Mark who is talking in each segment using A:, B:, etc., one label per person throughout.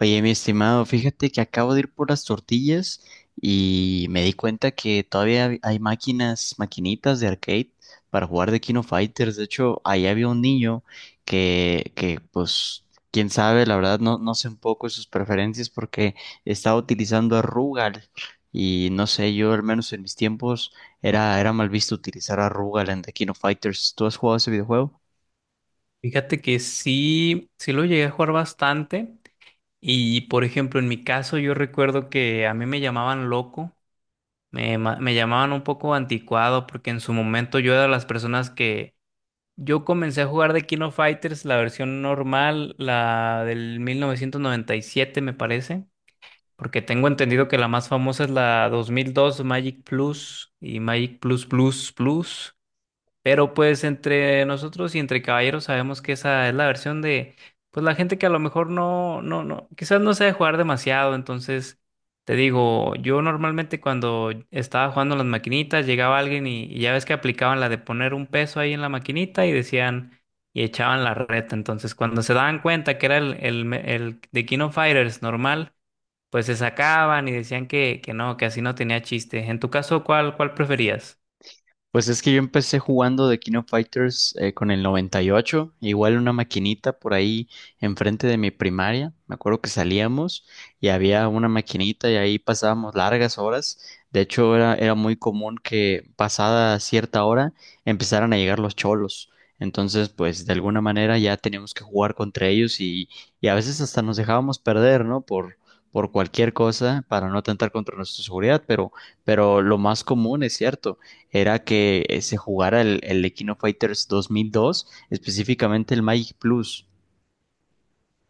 A: Oye, mi estimado, fíjate que acabo de ir por las tortillas y me di cuenta que todavía hay máquinas, maquinitas de arcade para jugar de Kino Fighters. De hecho, ahí había un niño que pues, quién sabe, la verdad no sé un poco de sus preferencias porque estaba utilizando a Rugal y no sé, yo al menos en mis tiempos era mal visto utilizar a Rugal en The Kino Fighters. ¿Tú has jugado ese videojuego?
B: Fíjate que sí, sí lo llegué a jugar bastante y por ejemplo en mi caso yo recuerdo que a mí me llamaban loco, me llamaban un poco anticuado porque en su momento yo era de las personas que yo comencé a jugar de Kino Fighters, la versión normal, la del 1997 me parece, porque tengo entendido que la más famosa es la 2002 Magic Plus y Magic Plus Plus Plus. Pero pues entre nosotros y entre caballeros sabemos que esa es la versión de, pues la gente que a lo mejor no, no, no, quizás no sabe jugar demasiado. Entonces, te digo, yo normalmente cuando estaba jugando las maquinitas, llegaba alguien y ya ves que aplicaban la de poner un peso ahí en la maquinita y decían, y echaban la reta. Entonces, cuando se daban cuenta que era el de King of Fighters normal, pues se sacaban y decían que no, que así no tenía chiste. En tu caso, ¿cuál preferías?
A: Pues es que yo empecé jugando de King of Fighters con el 98, igual una maquinita por ahí enfrente de mi primaria. Me acuerdo que salíamos y había una maquinita y ahí pasábamos largas horas. De hecho, era muy común que pasada cierta hora empezaran a llegar los cholos. Entonces, pues de alguna manera ya teníamos que jugar contra ellos y a veces hasta nos dejábamos perder, ¿no? Por cualquier cosa para no atentar contra nuestra seguridad, pero lo más común es cierto era que se jugara el Equino Fighters 2002, específicamente el Magic Plus.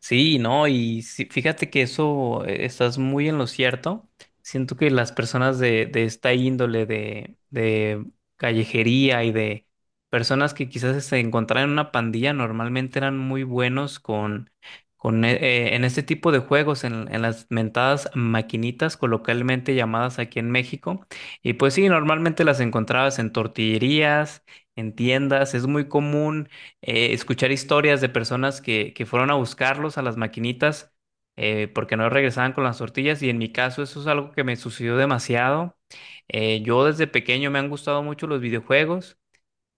B: Sí, no, y sí, fíjate que eso estás muy en lo cierto. Siento que las personas de esta índole de callejería y de personas que quizás se encontraran en una pandilla normalmente eran muy buenos con en este tipo de juegos, en las mentadas maquinitas coloquialmente llamadas aquí en México. Y pues sí, normalmente las encontrabas en tortillerías, en tiendas. Es muy común escuchar historias de personas que fueron a buscarlos a las maquinitas porque no regresaban con las tortillas y en mi caso eso es algo que me sucedió demasiado. Yo desde pequeño me han gustado mucho los videojuegos.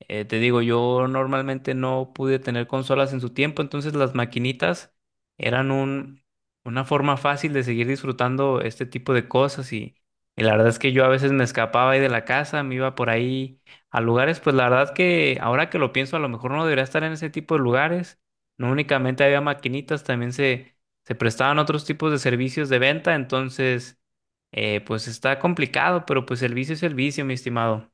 B: Te digo, yo normalmente no pude tener consolas en su tiempo, entonces las maquinitas eran una forma fácil de seguir disfrutando este tipo de cosas y la verdad es que yo a veces me escapaba ahí de la casa, me iba por ahí a lugares, pues la verdad que ahora que lo pienso, a lo mejor no debería estar en ese tipo de lugares, no únicamente había maquinitas, también se prestaban otros tipos de servicios de venta, entonces pues está complicado, pero pues el vicio es el vicio, mi estimado.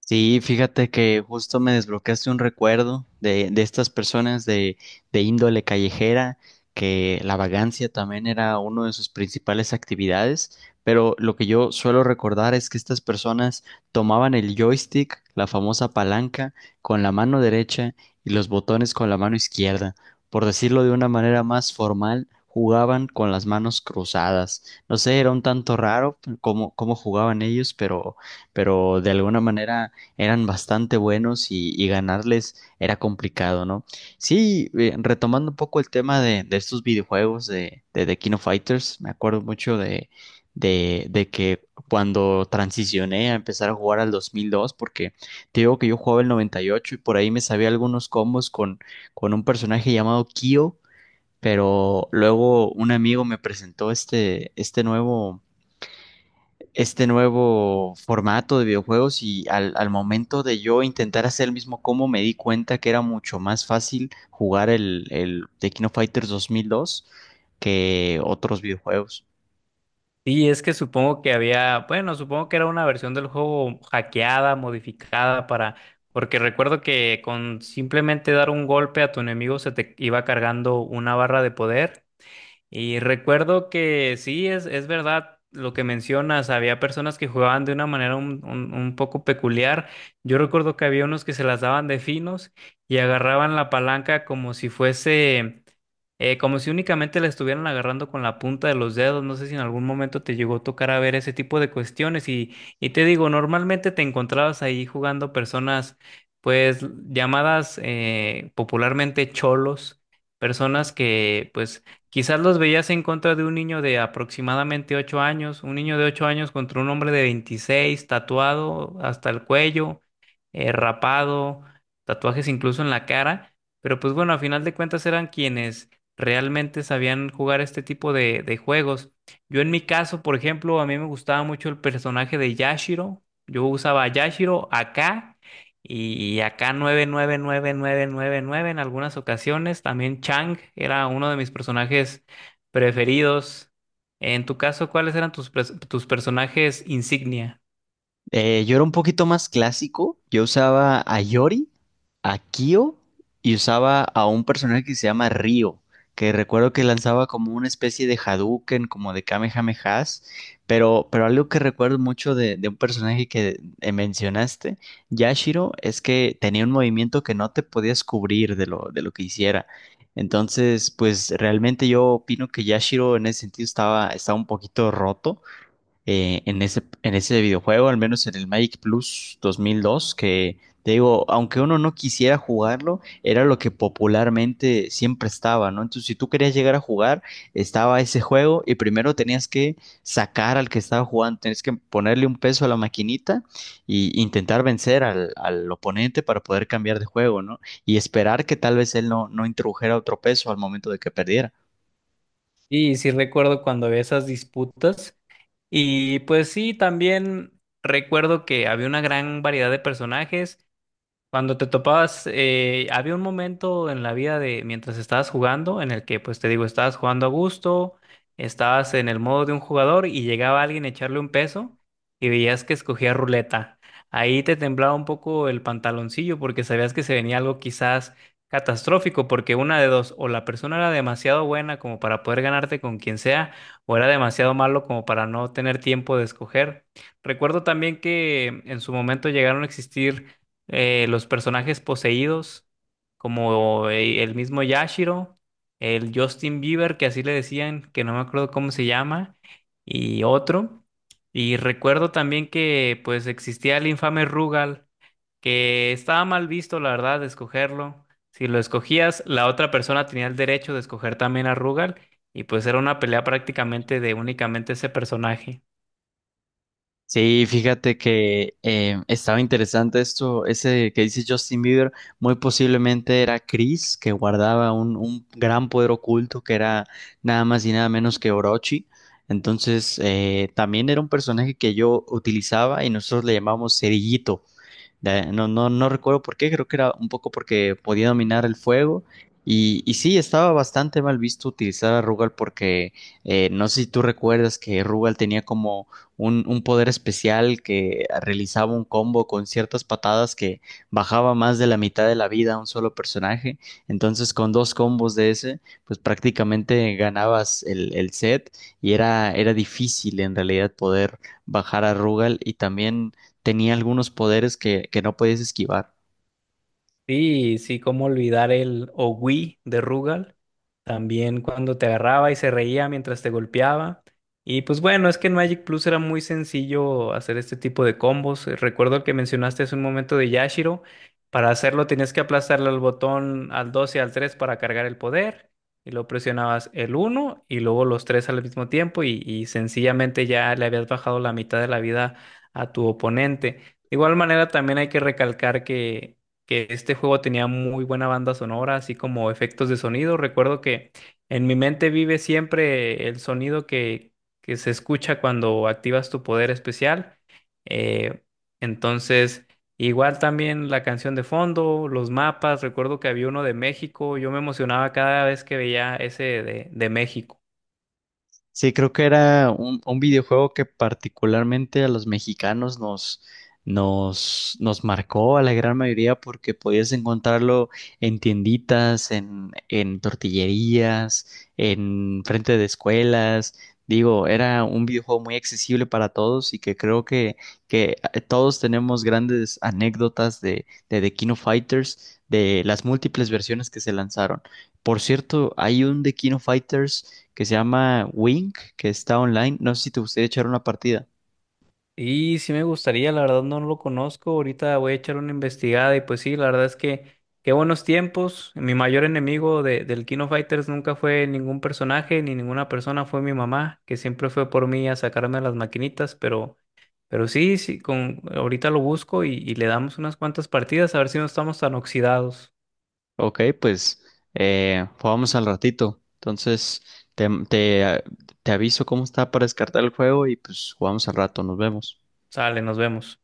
A: Sí, fíjate que justo me desbloqueaste un recuerdo de estas personas de índole callejera, que la vagancia también era una de sus principales actividades, pero lo que yo suelo recordar es que estas personas tomaban el joystick, la famosa palanca, con la mano derecha y los botones con la mano izquierda. Por decirlo de una manera más formal, jugaban con las manos cruzadas. No sé, era un tanto raro cómo jugaban ellos, pero de alguna manera eran bastante buenos y ganarles era complicado, ¿no? Sí, retomando un poco el tema de estos videojuegos de King of Fighters, me acuerdo mucho de que cuando transicioné a empezar a jugar al 2002, porque te digo que yo jugaba el 98 y ocho y por ahí me sabía algunos combos con un personaje llamado Kyo, pero luego un amigo me presentó este, este nuevo formato de videojuegos y al momento de yo intentar hacer el mismo combo me di cuenta que era mucho más fácil jugar el The King of Fighters 2002 que otros videojuegos.
B: Sí, es que supongo que había, bueno, supongo que era una versión del juego hackeada, modificada para, porque recuerdo que con simplemente dar un golpe a tu enemigo se te iba cargando una barra de poder y recuerdo que sí, es verdad lo que mencionas, había personas que jugaban de una manera un poco peculiar. Yo recuerdo que había unos que se las daban de finos y agarraban la palanca como si fuese, como si únicamente la estuvieran agarrando con la punta de los dedos. No sé si en algún momento te llegó a tocar a ver ese tipo de cuestiones. Y te digo, normalmente te encontrabas ahí jugando personas, pues llamadas popularmente cholos, personas que pues quizás los veías en contra de un niño de aproximadamente 8 años, un niño de 8 años contra un hombre de 26, tatuado hasta el cuello, rapado, tatuajes incluso en la cara, pero pues bueno, a final de cuentas eran quienes realmente sabían jugar este tipo de juegos. Yo en mi caso, por ejemplo, a mí me gustaba mucho el personaje de Yashiro, yo usaba a Yashiro acá y acá nueve nueve nueve nueve nueve nueve en algunas ocasiones. También Chang era uno de mis personajes preferidos. En tu caso, ¿cuáles eran tus personajes insignia?
A: Yo era un poquito más clásico. Yo usaba a Yori, a Kyo y usaba a un personaje que se llama Ryo, que recuerdo que lanzaba como una especie de Hadouken, como de Kamehamehas. Pero algo que recuerdo mucho de un personaje que mencionaste, Yashiro, es que tenía un movimiento que no te podías cubrir de lo que hiciera. Entonces, pues realmente yo opino que Yashiro en ese sentido estaba un poquito roto en ese videojuego, al menos en el Magic Plus 2002, que te digo, aunque uno no quisiera jugarlo, era lo que popularmente siempre estaba, ¿no? Entonces, si tú querías llegar a jugar, estaba ese juego y primero tenías que sacar al que estaba jugando, tenías que ponerle un peso a la maquinita y intentar vencer al oponente para poder cambiar de juego, ¿no? Y esperar que tal vez él no introdujera otro peso al momento de que perdiera.
B: Y sí recuerdo cuando había esas disputas. Y pues sí, también recuerdo que había una gran variedad de personajes. Cuando te topabas, había un momento en la vida de mientras estabas jugando en el que, pues te digo, estabas jugando a gusto, estabas en el modo de un jugador y llegaba alguien a echarle un peso y veías que escogía ruleta. Ahí te temblaba un poco el pantaloncillo porque sabías que se venía algo quizás catastrófico, porque una de dos, o la persona era demasiado buena como para poder ganarte con quien sea, o era demasiado malo como para no tener tiempo de escoger. Recuerdo también que en su momento llegaron a existir los personajes poseídos, como el mismo Yashiro, el Justin Bieber, que así le decían, que no me acuerdo cómo se llama, y otro. Y recuerdo también que pues existía el infame Rugal, que estaba mal visto, la verdad, de escogerlo. Si lo escogías, la otra persona tenía el derecho de escoger también a Rugal, y pues era una pelea prácticamente de únicamente ese personaje.
A: Sí, fíjate que estaba interesante esto, ese que dice Justin Bieber, muy posiblemente era Chris, que guardaba un gran poder oculto que era nada más y nada menos que Orochi. Entonces, también era un personaje que yo utilizaba y nosotros le llamamos Cerillito no, no, no recuerdo por qué, creo que era un poco porque podía dominar el fuego. Y sí, estaba bastante mal visto utilizar a Rugal porque no sé si tú recuerdas que Rugal tenía como un poder especial que realizaba un combo con ciertas patadas que bajaba más de la mitad de la vida a un solo personaje. Entonces, con dos combos de ese, pues prácticamente ganabas el set y era difícil en realidad poder bajar a Rugal y también tenía algunos poderes que no podías esquivar.
B: Sí, sí, cómo olvidar el Owi de Rugal, también cuando te agarraba y se reía mientras te golpeaba. Y pues bueno, es que en Magic Plus era muy sencillo hacer este tipo de combos. Recuerdo que mencionaste hace un momento de Yashiro. Para hacerlo tenías que aplastarle al botón al 2 y al 3 para cargar el poder. Y luego presionabas el uno y luego los tres al mismo tiempo y sencillamente ya le habías bajado la mitad de la vida a tu oponente. De igual manera también hay que recalcar que este juego tenía muy buena banda sonora, así como efectos de sonido. Recuerdo que en mi mente vive siempre el sonido que se escucha cuando activas tu poder especial. Eh, entonces, igual también la canción de fondo, los mapas, recuerdo que había uno de México, yo me emocionaba cada vez que veía ese de México.
A: Sí, creo que era un videojuego que particularmente a los mexicanos nos marcó a la gran mayoría porque podías encontrarlo en tienditas, en tortillerías, en frente de escuelas. Digo, era un videojuego muy accesible para todos y que creo que todos tenemos grandes anécdotas de The King of Fighters, de las múltiples versiones que se lanzaron. Por cierto, hay un The King of Fighters que se llama Wing que está online. No sé si te gustaría echar una partida.
B: Y sí me gustaría, la verdad no lo conozco, ahorita voy a echar una investigada y pues sí, la verdad es que qué buenos tiempos, mi mayor enemigo del King of Fighters nunca fue ningún personaje ni ninguna persona, fue mi mamá, que siempre fue por mí a sacarme las maquinitas, pero, sí, sí, ahorita lo busco y le damos unas cuantas partidas a ver si no estamos tan oxidados.
A: Ok, pues jugamos al ratito. Entonces, te, te, te aviso cómo está para descartar el juego y pues jugamos al rato. Nos vemos.
B: Sale, nos vemos.